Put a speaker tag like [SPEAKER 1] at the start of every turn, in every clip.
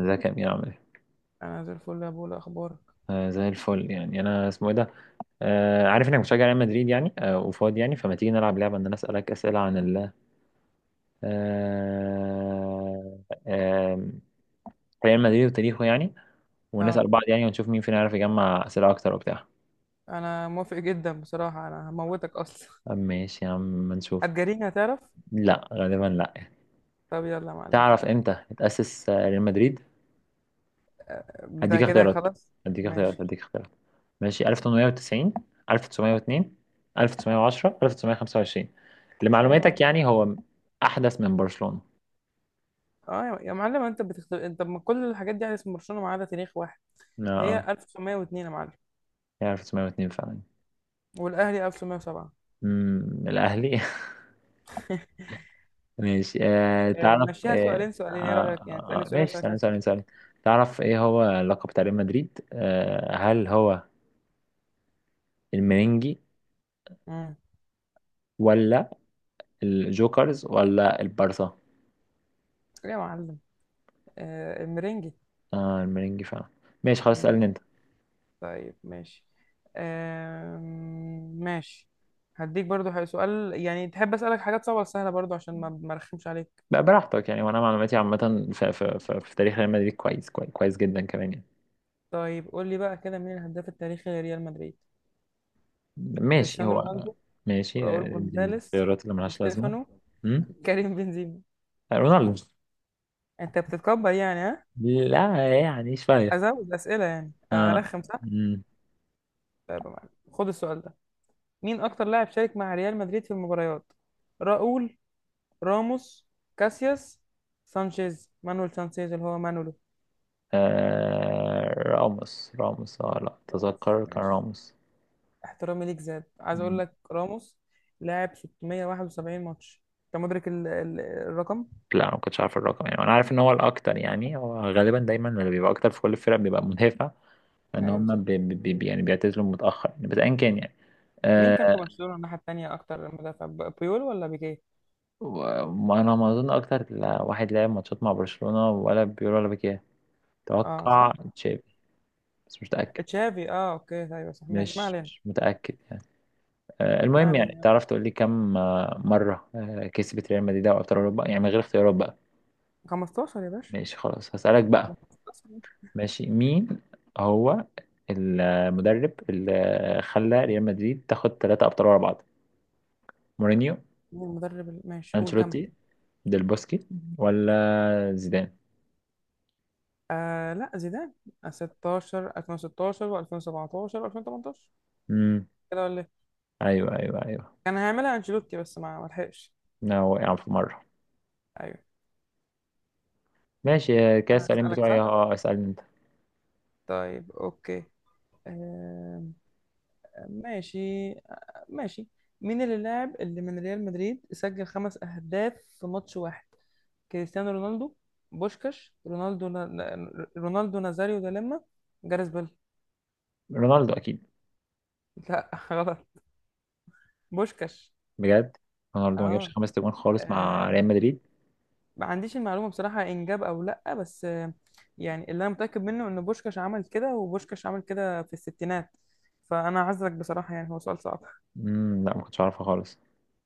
[SPEAKER 1] ازيك يا امير، عامل ايه؟
[SPEAKER 2] انا زي الفل يا بولا، اخبارك؟
[SPEAKER 1] آه، زي الفل. يعني انا اسمه ايه ده؟ عارف انك بتشجع ريال مدريد يعني وفاضي. يعني فما تيجي نلعب لعبه ان انا اسالك اسئله عن ال آه آه ريال مدريد وتاريخه، يعني
[SPEAKER 2] اه،
[SPEAKER 1] ونسال بعض يعني، ونشوف مين فينا يعرف يجمع اسئله اكتر وبتاع.
[SPEAKER 2] انا موافق جدا بصراحه، انا هموتك اصلا.
[SPEAKER 1] آه، ماشي يا عم، ما نشوف.
[SPEAKER 2] هتجريني هتعرف.
[SPEAKER 1] لا، غالبا لا.
[SPEAKER 2] طب يلا يا معلم،
[SPEAKER 1] تعرف
[SPEAKER 2] تعال.
[SPEAKER 1] امتى اتاسس ريال مدريد؟
[SPEAKER 2] ده
[SPEAKER 1] هديك
[SPEAKER 2] كده
[SPEAKER 1] اختيارات
[SPEAKER 2] خلاص.
[SPEAKER 1] هديك اختيارات
[SPEAKER 2] ماشي.
[SPEAKER 1] هديك اختيارات ماشي، 1890، 1902، 1910، 1925؟
[SPEAKER 2] ايه يا
[SPEAKER 1] لمعلوماتك
[SPEAKER 2] معلم؟
[SPEAKER 1] يعني هو أحدث من برشلونة.
[SPEAKER 2] اه يا معلم، انت بتختار. انت ما كل الحاجات دي على اسم برشلونه ما عدا تاريخ واحد. هي
[SPEAKER 1] اه،
[SPEAKER 2] 1902 يا معلم،
[SPEAKER 1] هي 1902 فعلا.
[SPEAKER 2] والاهلي 1907.
[SPEAKER 1] الأهلي.
[SPEAKER 2] بس.
[SPEAKER 1] ماشي، تعرف،
[SPEAKER 2] مشيها سؤالين سؤالين، ايه رايك يعني تسالني سؤالين
[SPEAKER 1] ماشي،
[SPEAKER 2] واسالك
[SPEAKER 1] ثانية
[SPEAKER 2] انا سؤالين؟
[SPEAKER 1] ثانية ثانية. تعرف ايه هو لقب بتاع ريال مدريد؟ هل هو المرنجي
[SPEAKER 2] امم
[SPEAKER 1] ولا الجوكرز ولا البارسا؟
[SPEAKER 2] ايه يا معلم؟ آه المرنجي.
[SPEAKER 1] آه، المرنجي فعلا. ماشي، خلاص اسألني انت.
[SPEAKER 2] طيب ماشي. ماشي. هديك برضو سؤال، يعني تحب أسألك حاجات صعبة ولا سهلة؟ برضو عشان ما أرخمش عليك.
[SPEAKER 1] بقى براحتك يعني، وانا معلوماتي عامه في تاريخ ريال مدريد كويس، كويس، كويس جدا كمان يعني.
[SPEAKER 2] طيب قول لي بقى كده، مين الهداف التاريخي لريال مدريد؟
[SPEAKER 1] ماشي
[SPEAKER 2] كريستيانو
[SPEAKER 1] هو.
[SPEAKER 2] رونالدو،
[SPEAKER 1] ماشي،
[SPEAKER 2] راؤول
[SPEAKER 1] دي
[SPEAKER 2] جونزاليس،
[SPEAKER 1] الخيارات اللي
[SPEAKER 2] دي
[SPEAKER 1] ملهاش لازمه.
[SPEAKER 2] ستيفانو،
[SPEAKER 1] امم.
[SPEAKER 2] كريم بنزيما.
[SPEAKER 1] رونالدو.
[SPEAKER 2] أنت بتتكبر يعني، ها؟
[SPEAKER 1] لا، يعني شويه.
[SPEAKER 2] أزود أسئلة يعني،
[SPEAKER 1] آه.
[SPEAKER 2] أرخم صح؟
[SPEAKER 1] مم.
[SPEAKER 2] طيب يا معلم، خد السؤال ده. مين أكتر لاعب شارك مع ريال مدريد في المباريات؟ راؤول، راموس، كاسياس، سانشيز، مانويل سانشيز اللي هو مانولو.
[SPEAKER 1] آه، راموس، راموس، اه لا،
[SPEAKER 2] راموس.
[SPEAKER 1] تذكر كان
[SPEAKER 2] ماشي.
[SPEAKER 1] راموس.
[SPEAKER 2] احترامي ليك زاد، عايز اقول
[SPEAKER 1] مم.
[SPEAKER 2] لك راموس لاعب 671 ماتش. انت مدرك الرقم؟
[SPEAKER 1] لا، انا ما كنتش عارف الرقم، يعني انا عارف ان هو الاكتر يعني، هو غالبا دايما اللي بيبقى اكتر في كل الفرق بيبقى مدافع. لان
[SPEAKER 2] ايوه صح.
[SPEAKER 1] هم بي بي بي يعني بيعتزلوا متاخر يعني، بس ايا كان يعني.
[SPEAKER 2] مين كان
[SPEAKER 1] آه،
[SPEAKER 2] في برشلونة الناحية التانية اكتر مدافع، بيول ولا بيكيه؟
[SPEAKER 1] وانا ما اظن اكتر واحد لعب ماتشات مع برشلونة ولا بيقول ولا بكيه.
[SPEAKER 2] اه
[SPEAKER 1] اتوقع
[SPEAKER 2] صح،
[SPEAKER 1] تشافي، بس مش متأكد.
[SPEAKER 2] تشافي. اه اوكي، ايوه صح، ماشي ما
[SPEAKER 1] مش
[SPEAKER 2] علينا.
[SPEAKER 1] مش متأكد. آه،
[SPEAKER 2] ما
[SPEAKER 1] المهم
[SPEAKER 2] علينا
[SPEAKER 1] يعني
[SPEAKER 2] يلا.
[SPEAKER 1] تعرف تقول لي كم مرة كسبت ريال مدريد دوري ابطال اوروبا؟ يعني من غير اختيارات بقى.
[SPEAKER 2] 15 يا باشا.
[SPEAKER 1] ماشي، خلاص هسألك بقى.
[SPEAKER 2] 15 مين؟
[SPEAKER 1] ماشي، مين هو المدرب اللي خلى ريال مدريد تاخد ثلاثة ابطال ورا بعض؟ مورينيو،
[SPEAKER 2] المدرب ماشي قول كمل.
[SPEAKER 1] انشيلوتي، ديل بوسكي ولا زيدان؟
[SPEAKER 2] آه لا، زيدان. 16، 2016 و2017 و2018.
[SPEAKER 1] امم.
[SPEAKER 2] كده ولا إيه؟
[SPEAKER 1] ايوه ايوه ايوه.
[SPEAKER 2] كان هيعملها انشيلوتي بس ما لحقش.
[SPEAKER 1] لا، وقع في مرة.
[SPEAKER 2] ايوه.
[SPEAKER 1] ماشي، آه، كاس
[SPEAKER 2] انا
[SPEAKER 1] السؤالين
[SPEAKER 2] هسألك
[SPEAKER 1] بتوعي.
[SPEAKER 2] صح.
[SPEAKER 1] اه، اسألني انت.
[SPEAKER 2] طيب اوكي. آم، ماشي. ماشي. مين اللي لاعب اللي من ريال مدريد سجل خمس اهداف في ماتش واحد؟ كريستيانو رونالدو، بوشكاش، رونالدو رونالدو نازاريو دا لما، جاريث بيل.
[SPEAKER 1] رونالدو اكيد.
[SPEAKER 2] لا، غلط. بوشكاش.
[SPEAKER 1] بجد؟ رونالدو ما جابش
[SPEAKER 2] اه.
[SPEAKER 1] خمس تجوان خالص مع
[SPEAKER 2] آه،
[SPEAKER 1] ريال مدريد.
[SPEAKER 2] ما عنديش المعلومة بصراحة إن جاب أو لأ، بس يعني اللي أنا متأكد منه إن بوشكاش عمل كده، وبوشكاش عمل كده في الستينات، فأنا أعذرك بصراحة، يعني هو سؤال صعب.
[SPEAKER 1] لا، ما كنتش اعرفها خالص.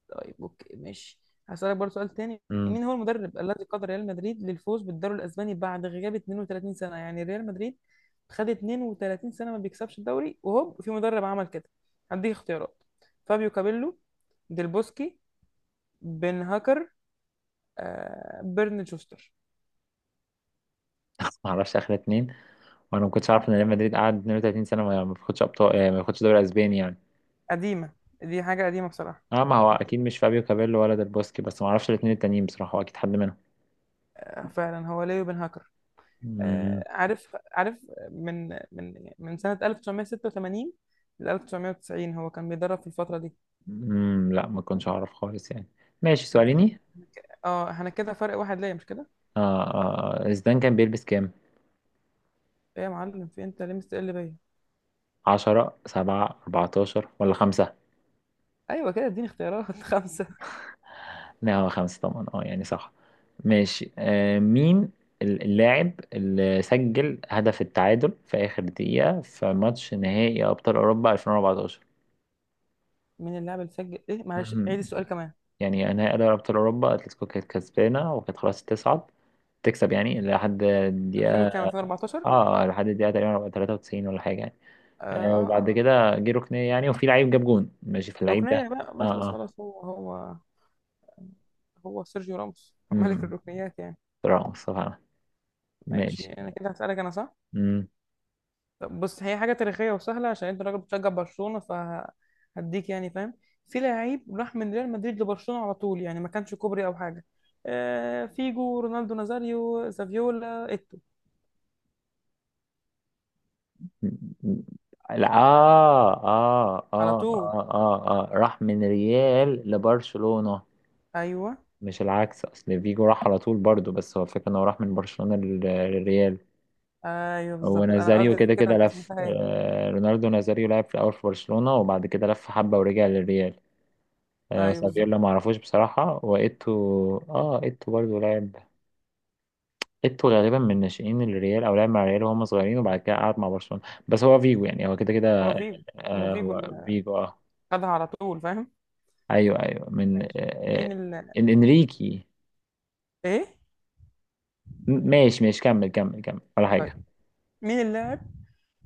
[SPEAKER 2] طيب اوكي ماشي. هسألك برضه سؤال تاني.
[SPEAKER 1] امم.
[SPEAKER 2] مين هو المدرب الذي قاد ريال مدريد للفوز بالدوري الاسباني بعد غياب 32 سنة؟ يعني ريال مدريد خد 32 سنة ما بيكسبش الدوري وهوب في مدرب عمل كده. هديك اختيارات. فابيو كابيلو، ديل بوسكي، بن هاكر، آه بيرن شوستر.
[SPEAKER 1] ما اعرفش اخر اتنين. وانا ما كنتش عارف ان ريال مدريد قعد 32 سنه ما بياخدش ابطال، آه، ما بياخدش دوري اسباني يعني.
[SPEAKER 2] قديمة، دي حاجة قديمة بصراحة.
[SPEAKER 1] اه، ما هو اكيد مش فابيو كابيلو ولا ديل بوسكي، بس ما اعرفش الاتنين التانيين بصراحه. هو اكيد حد منهم.
[SPEAKER 2] فعلا هو ليو بن هاكر.
[SPEAKER 1] امم.
[SPEAKER 2] عارف عارف من سنة 1986 ل 1990، هو كان بيدرب في الفترة دي.
[SPEAKER 1] لا، ما كنتش اعرف خالص يعني. ماشي،
[SPEAKER 2] ماشي
[SPEAKER 1] سؤاليني.
[SPEAKER 2] إحنا احنا كده فرق واحد ليا، مش كده؟
[SPEAKER 1] آه. زيدان كان بيلبس كام؟
[SPEAKER 2] ايه يا معلم؟ في انت ليه مستقل بيا.
[SPEAKER 1] 10، 7، 14 ولا 5؟
[SPEAKER 2] ايوه كده، اديني اختيارات خمسه.
[SPEAKER 1] لا، هو خمسة طبعا، اه يعني صح. ماشي، مين اللاعب اللي سجل هدف التعادل في آخر دقيقة في ماتش نهائي أبطال أوروبا 2014؟
[SPEAKER 2] مين اللاعب اللي سجل ايه؟ معلش
[SPEAKER 1] مهم.
[SPEAKER 2] عيد السؤال كمان.
[SPEAKER 1] يعني نهائي أبطال أوروبا، أتلتيكو كانت كسبانة وكانت خلاص تصعد، تكسب يعني لحد
[SPEAKER 2] 2000
[SPEAKER 1] الدقيقة.
[SPEAKER 2] وكام؟ 2014.
[SPEAKER 1] اه، لحد الدقيقة تقريبا 93 ولا حاجة يعني.
[SPEAKER 2] اه
[SPEAKER 1] آه،
[SPEAKER 2] اه اه.
[SPEAKER 1] وبعد كده جه ركنية يعني، وفي لعيب جاب جون. ماشي في اللعيب ده؟
[SPEAKER 2] ركنيه بقى،
[SPEAKER 1] اه.
[SPEAKER 2] بس
[SPEAKER 1] اه.
[SPEAKER 2] خلاص، هو هو سيرجيو راموس ملك
[SPEAKER 1] امم.
[SPEAKER 2] الركنيات يعني.
[SPEAKER 1] مصطفى عمل.
[SPEAKER 2] ماشي.
[SPEAKER 1] ماشي.
[SPEAKER 2] انا كده هسألك انا صح.
[SPEAKER 1] مم.
[SPEAKER 2] طب بص، هي حاجة تاريخية وسهلة عشان انت راجل بتشجع برشلونة، فهديك يعني فاهم. في لعيب راح من ريال مدريد لبرشلونة على طول، يعني ما كانش كوبري او حاجة. آه فيجو، رونالدو نازاريو، زافيولا، ايتو.
[SPEAKER 1] لا،
[SPEAKER 2] على طول.
[SPEAKER 1] راح من ريال لبرشلونة،
[SPEAKER 2] ايوه.
[SPEAKER 1] مش العكس. أصل فيجو راح على طول برضو، بس هو الفكرة إنه راح من برشلونة للريال.
[SPEAKER 2] ايوه
[SPEAKER 1] هو
[SPEAKER 2] بالظبط، انا
[SPEAKER 1] نازاريو، اه
[SPEAKER 2] قصدي
[SPEAKER 1] كده
[SPEAKER 2] كده.
[SPEAKER 1] كده
[SPEAKER 2] انت
[SPEAKER 1] لف.
[SPEAKER 2] سمعتها ايه؟
[SPEAKER 1] رونالدو نازاريو لعب في الأول في برشلونة، وبعد كده لف حبة ورجع للريال. آه،
[SPEAKER 2] ايوه بالظبط.
[SPEAKER 1] سافيولا معرفوش بصراحة. وإيتو، آه إيتو برضو لعب. إيتو غالبا من ناشئين الريال أو لعب مع الريال وهم صغيرين، وبعد كده قعد مع برشلونة. بس هو فيجو يعني، هو كده
[SPEAKER 2] هو
[SPEAKER 1] كده.
[SPEAKER 2] فيجو. هو
[SPEAKER 1] آه،
[SPEAKER 2] فيجو
[SPEAKER 1] هو
[SPEAKER 2] اللي
[SPEAKER 1] فيجو آه.
[SPEAKER 2] خدها على طول، فاهم.
[SPEAKER 1] ايوه، ايوه، من آه،
[SPEAKER 2] ماشي.
[SPEAKER 1] آه،
[SPEAKER 2] مين ال...
[SPEAKER 1] انريكي.
[SPEAKER 2] ايه؟
[SPEAKER 1] ماشي ماشي، كمل كمل كمل ولا
[SPEAKER 2] طيب
[SPEAKER 1] حاجه.
[SPEAKER 2] مين اللاعب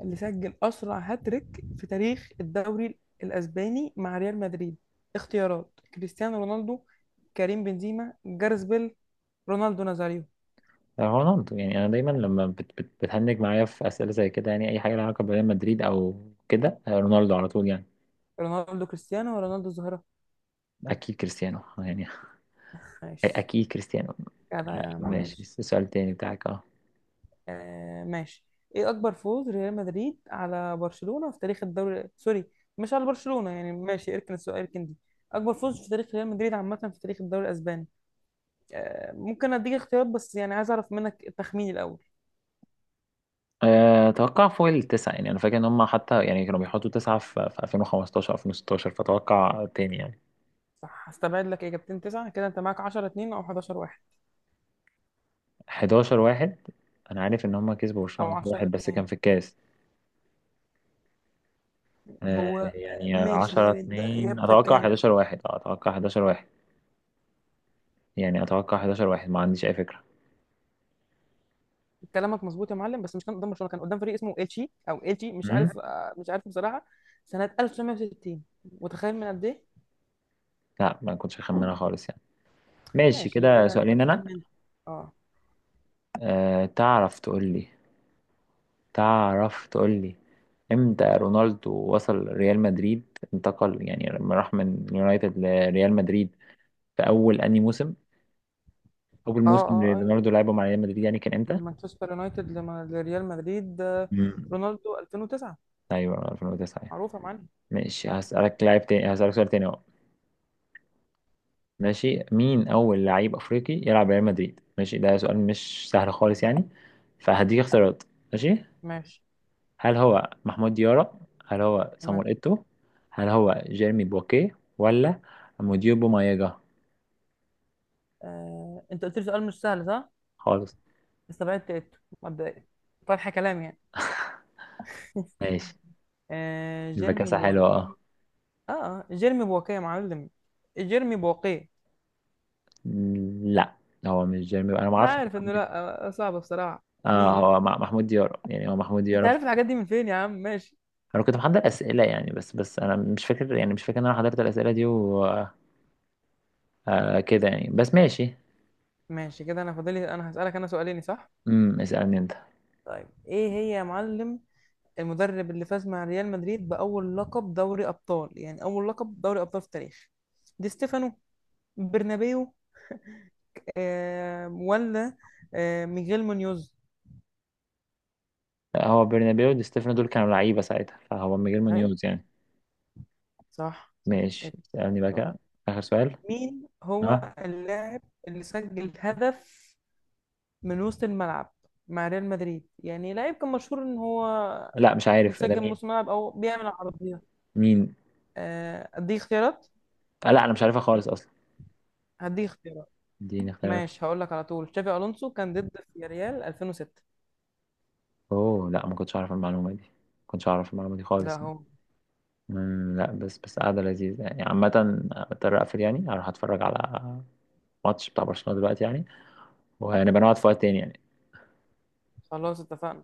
[SPEAKER 2] اللي سجل أسرع هاتريك في تاريخ الدوري الأسباني مع ريال مدريد؟ اختيارات: كريستيانو رونالدو، كريم بنزيما، جارس بيل، رونالدو نازاريو.
[SPEAKER 1] رونالدو، يعني انا دايما لما بت بت بتهنج معايا في اسئله زي كده، يعني اي حاجه لها علاقه بريال مدريد او كده، آه، رونالدو على طول يعني.
[SPEAKER 2] رونالدو كريستيانو ورونالدو الظاهرة.
[SPEAKER 1] اكيد كريستيانو يعني
[SPEAKER 2] ماشي.
[SPEAKER 1] اكيد كريستيانو.
[SPEAKER 2] جدع يا عم
[SPEAKER 1] ماشي،
[SPEAKER 2] ماشي.
[SPEAKER 1] سؤال تاني بتاعك. اه.
[SPEAKER 2] آه ماشي. ايه أكبر فوز ريال مدريد على برشلونة في تاريخ الدوري؟ سوري، مش على برشلونة يعني، ماشي اركن السؤال اركن دي. أكبر فوز في تاريخ ريال مدريد عامة في تاريخ الدوري الأسباني. ممكن أديك اختيارات، بس يعني عايز أعرف منك التخمين الأول.
[SPEAKER 1] آه، اتوقع فوق التسعه يعني. انا فاكر ان هم حتى يعني كانوا بيحطوا تسعه في 2015 2016، فاتوقع تاني يعني.
[SPEAKER 2] صح، هستبعد لك اجابتين تسعة. كده انت معاك 10-2 او 11-1
[SPEAKER 1] 11 واحد. انا عارف ان هم كسبوا
[SPEAKER 2] او
[SPEAKER 1] برشلونه 11
[SPEAKER 2] 10
[SPEAKER 1] واحد، بس
[SPEAKER 2] 2
[SPEAKER 1] كان في الكاس. آه،
[SPEAKER 2] هو
[SPEAKER 1] يعني
[SPEAKER 2] ماشي،
[SPEAKER 1] 10
[SPEAKER 2] يعني انت
[SPEAKER 1] 2.
[SPEAKER 2] اجابتك
[SPEAKER 1] اتوقع
[SPEAKER 2] كام؟
[SPEAKER 1] 11 واحد. آه، اتوقع 11 واحد. يعني اتوقع 11 واحد، ما عنديش اي فكرة.
[SPEAKER 2] كلامك مظبوط يا معلم، بس مش كان قدام برشلونة، كان قدام فريق اسمه اتشي او اتشي، مش
[SPEAKER 1] مم؟
[SPEAKER 2] عارف. مش عارف بصراحة. سنة 1960. متخيل من قد ايه؟
[SPEAKER 1] لا، ما كنتش اخمنها خالص يعني. ماشي
[SPEAKER 2] ماشي
[SPEAKER 1] كده
[SPEAKER 2] كده. انت
[SPEAKER 1] سؤالين انا.
[SPEAKER 2] اسالني انت. اه
[SPEAKER 1] أه تعرف تقول لي تعرف تقول لي امتى رونالدو وصل ريال مدريد؟ انتقل يعني لما راح من اليونايتد لريال مدريد، في اول انهي موسم؟ اول
[SPEAKER 2] اه
[SPEAKER 1] موسم
[SPEAKER 2] اه.
[SPEAKER 1] اللي
[SPEAKER 2] ايوه.
[SPEAKER 1] رونالدو لعبه مع ريال مدريد يعني كان امتى؟
[SPEAKER 2] من مانشستر يونايتد لريال مدريد.
[SPEAKER 1] امم.
[SPEAKER 2] رونالدو 2009.
[SPEAKER 1] ايوه، 2009.
[SPEAKER 2] معروفة يا معلم.
[SPEAKER 1] ماشي هسألك لاعب تاني، هسألك سؤال تاني. ماشي، مين أول لعيب أفريقي يلعب ريال مدريد؟ ماشي، ده سؤال مش سهل خالص يعني، فهديك اختيارات. ماشي.
[SPEAKER 2] ماشي.
[SPEAKER 1] هل هو محمود ديارة؟ هل هو صامويل
[SPEAKER 2] تمام.
[SPEAKER 1] إيتو؟ هل هو جيرمي بوكيه، ولا موديبو مايجا؟
[SPEAKER 2] انت قلت لي سؤال مش سهل صح.
[SPEAKER 1] خالص.
[SPEAKER 2] استبعدت إيتو مبدئيا، طرح كلام يعني.
[SPEAKER 1] ماشي.
[SPEAKER 2] آه
[SPEAKER 1] يبقى
[SPEAKER 2] جيرمي
[SPEAKER 1] كاسة حلوة،
[SPEAKER 2] بواكيه.
[SPEAKER 1] اه.
[SPEAKER 2] اه جيرمي بواكيه يا معلم. جيرمي بواكيه.
[SPEAKER 1] لا، هو مش جيرمي. أنا
[SPEAKER 2] انا
[SPEAKER 1] معرفش
[SPEAKER 2] عارف
[SPEAKER 1] أصلاً
[SPEAKER 2] انه
[SPEAKER 1] مين.
[SPEAKER 2] لا، صعب بصراحة.
[SPEAKER 1] اه،
[SPEAKER 2] مين؟
[SPEAKER 1] هو محمود ديارة يعني، هو محمود
[SPEAKER 2] انت
[SPEAKER 1] ديارة في...
[SPEAKER 2] عارف الحاجات دي من فين يا عم؟ ماشي.
[SPEAKER 1] أنا كنت محضر أسئلة يعني، بس أنا مش فاكر، يعني مش فاكر إن أنا حضرت الأسئلة دي وكده يعني، بس ماشي.
[SPEAKER 2] ماشي كده، انا فاضلي انا هسألك انا سؤالين صح.
[SPEAKER 1] اسألني أنت.
[SPEAKER 2] طيب ايه هي يا معلم؟ المدرب اللي فاز مع ريال مدريد بأول لقب دوري أبطال، يعني أول لقب دوري أبطال في التاريخ. دي ستيفانو، برنابيو، آه ولا آه ميغيل مونيوز.
[SPEAKER 1] لا، هو برنابيو ودي ستيفانو دول كانوا لعيبة ساعتها، فهو ميغيل
[SPEAKER 2] أي
[SPEAKER 1] مونيوز يعني.
[SPEAKER 2] صح صح،
[SPEAKER 1] ماشي،
[SPEAKER 2] إيه،
[SPEAKER 1] اسألني بقى
[SPEAKER 2] شاطر.
[SPEAKER 1] كده. آخر سؤال.
[SPEAKER 2] مين هو
[SPEAKER 1] اه.
[SPEAKER 2] اللاعب اللي سجل هدف من وسط الملعب مع ريال مدريد؟ يعني لاعب كان مشهور ان هو
[SPEAKER 1] لا، مش عارف إيه ده
[SPEAKER 2] مسجل من
[SPEAKER 1] مين.
[SPEAKER 2] وسط الملعب او بيعمل عرضيات.
[SPEAKER 1] مين؟
[SPEAKER 2] اديك اختيارات.
[SPEAKER 1] آه لا، أنا مش عارفها خالص أصلا.
[SPEAKER 2] هديك اختيارات.
[SPEAKER 1] اديني اختيارات.
[SPEAKER 2] ماشي هقول لك على طول، تشافي الونسو كان ضد في ريال 2006.
[SPEAKER 1] أوه لا، ما كنتش أعرف المعلومة دي، ما كنتش أعرف المعلومة دي
[SPEAKER 2] لا
[SPEAKER 1] خالص.
[SPEAKER 2] هو.
[SPEAKER 1] لا، بس بس قاعدة لذيذة يعني عامة. مضطر أقفل يعني، أروح أتفرج على ماتش بتاع برشلونة دلوقتي يعني. وهنبقى نقعد في وقت تاني يعني.
[SPEAKER 2] خلاص اتفقنا.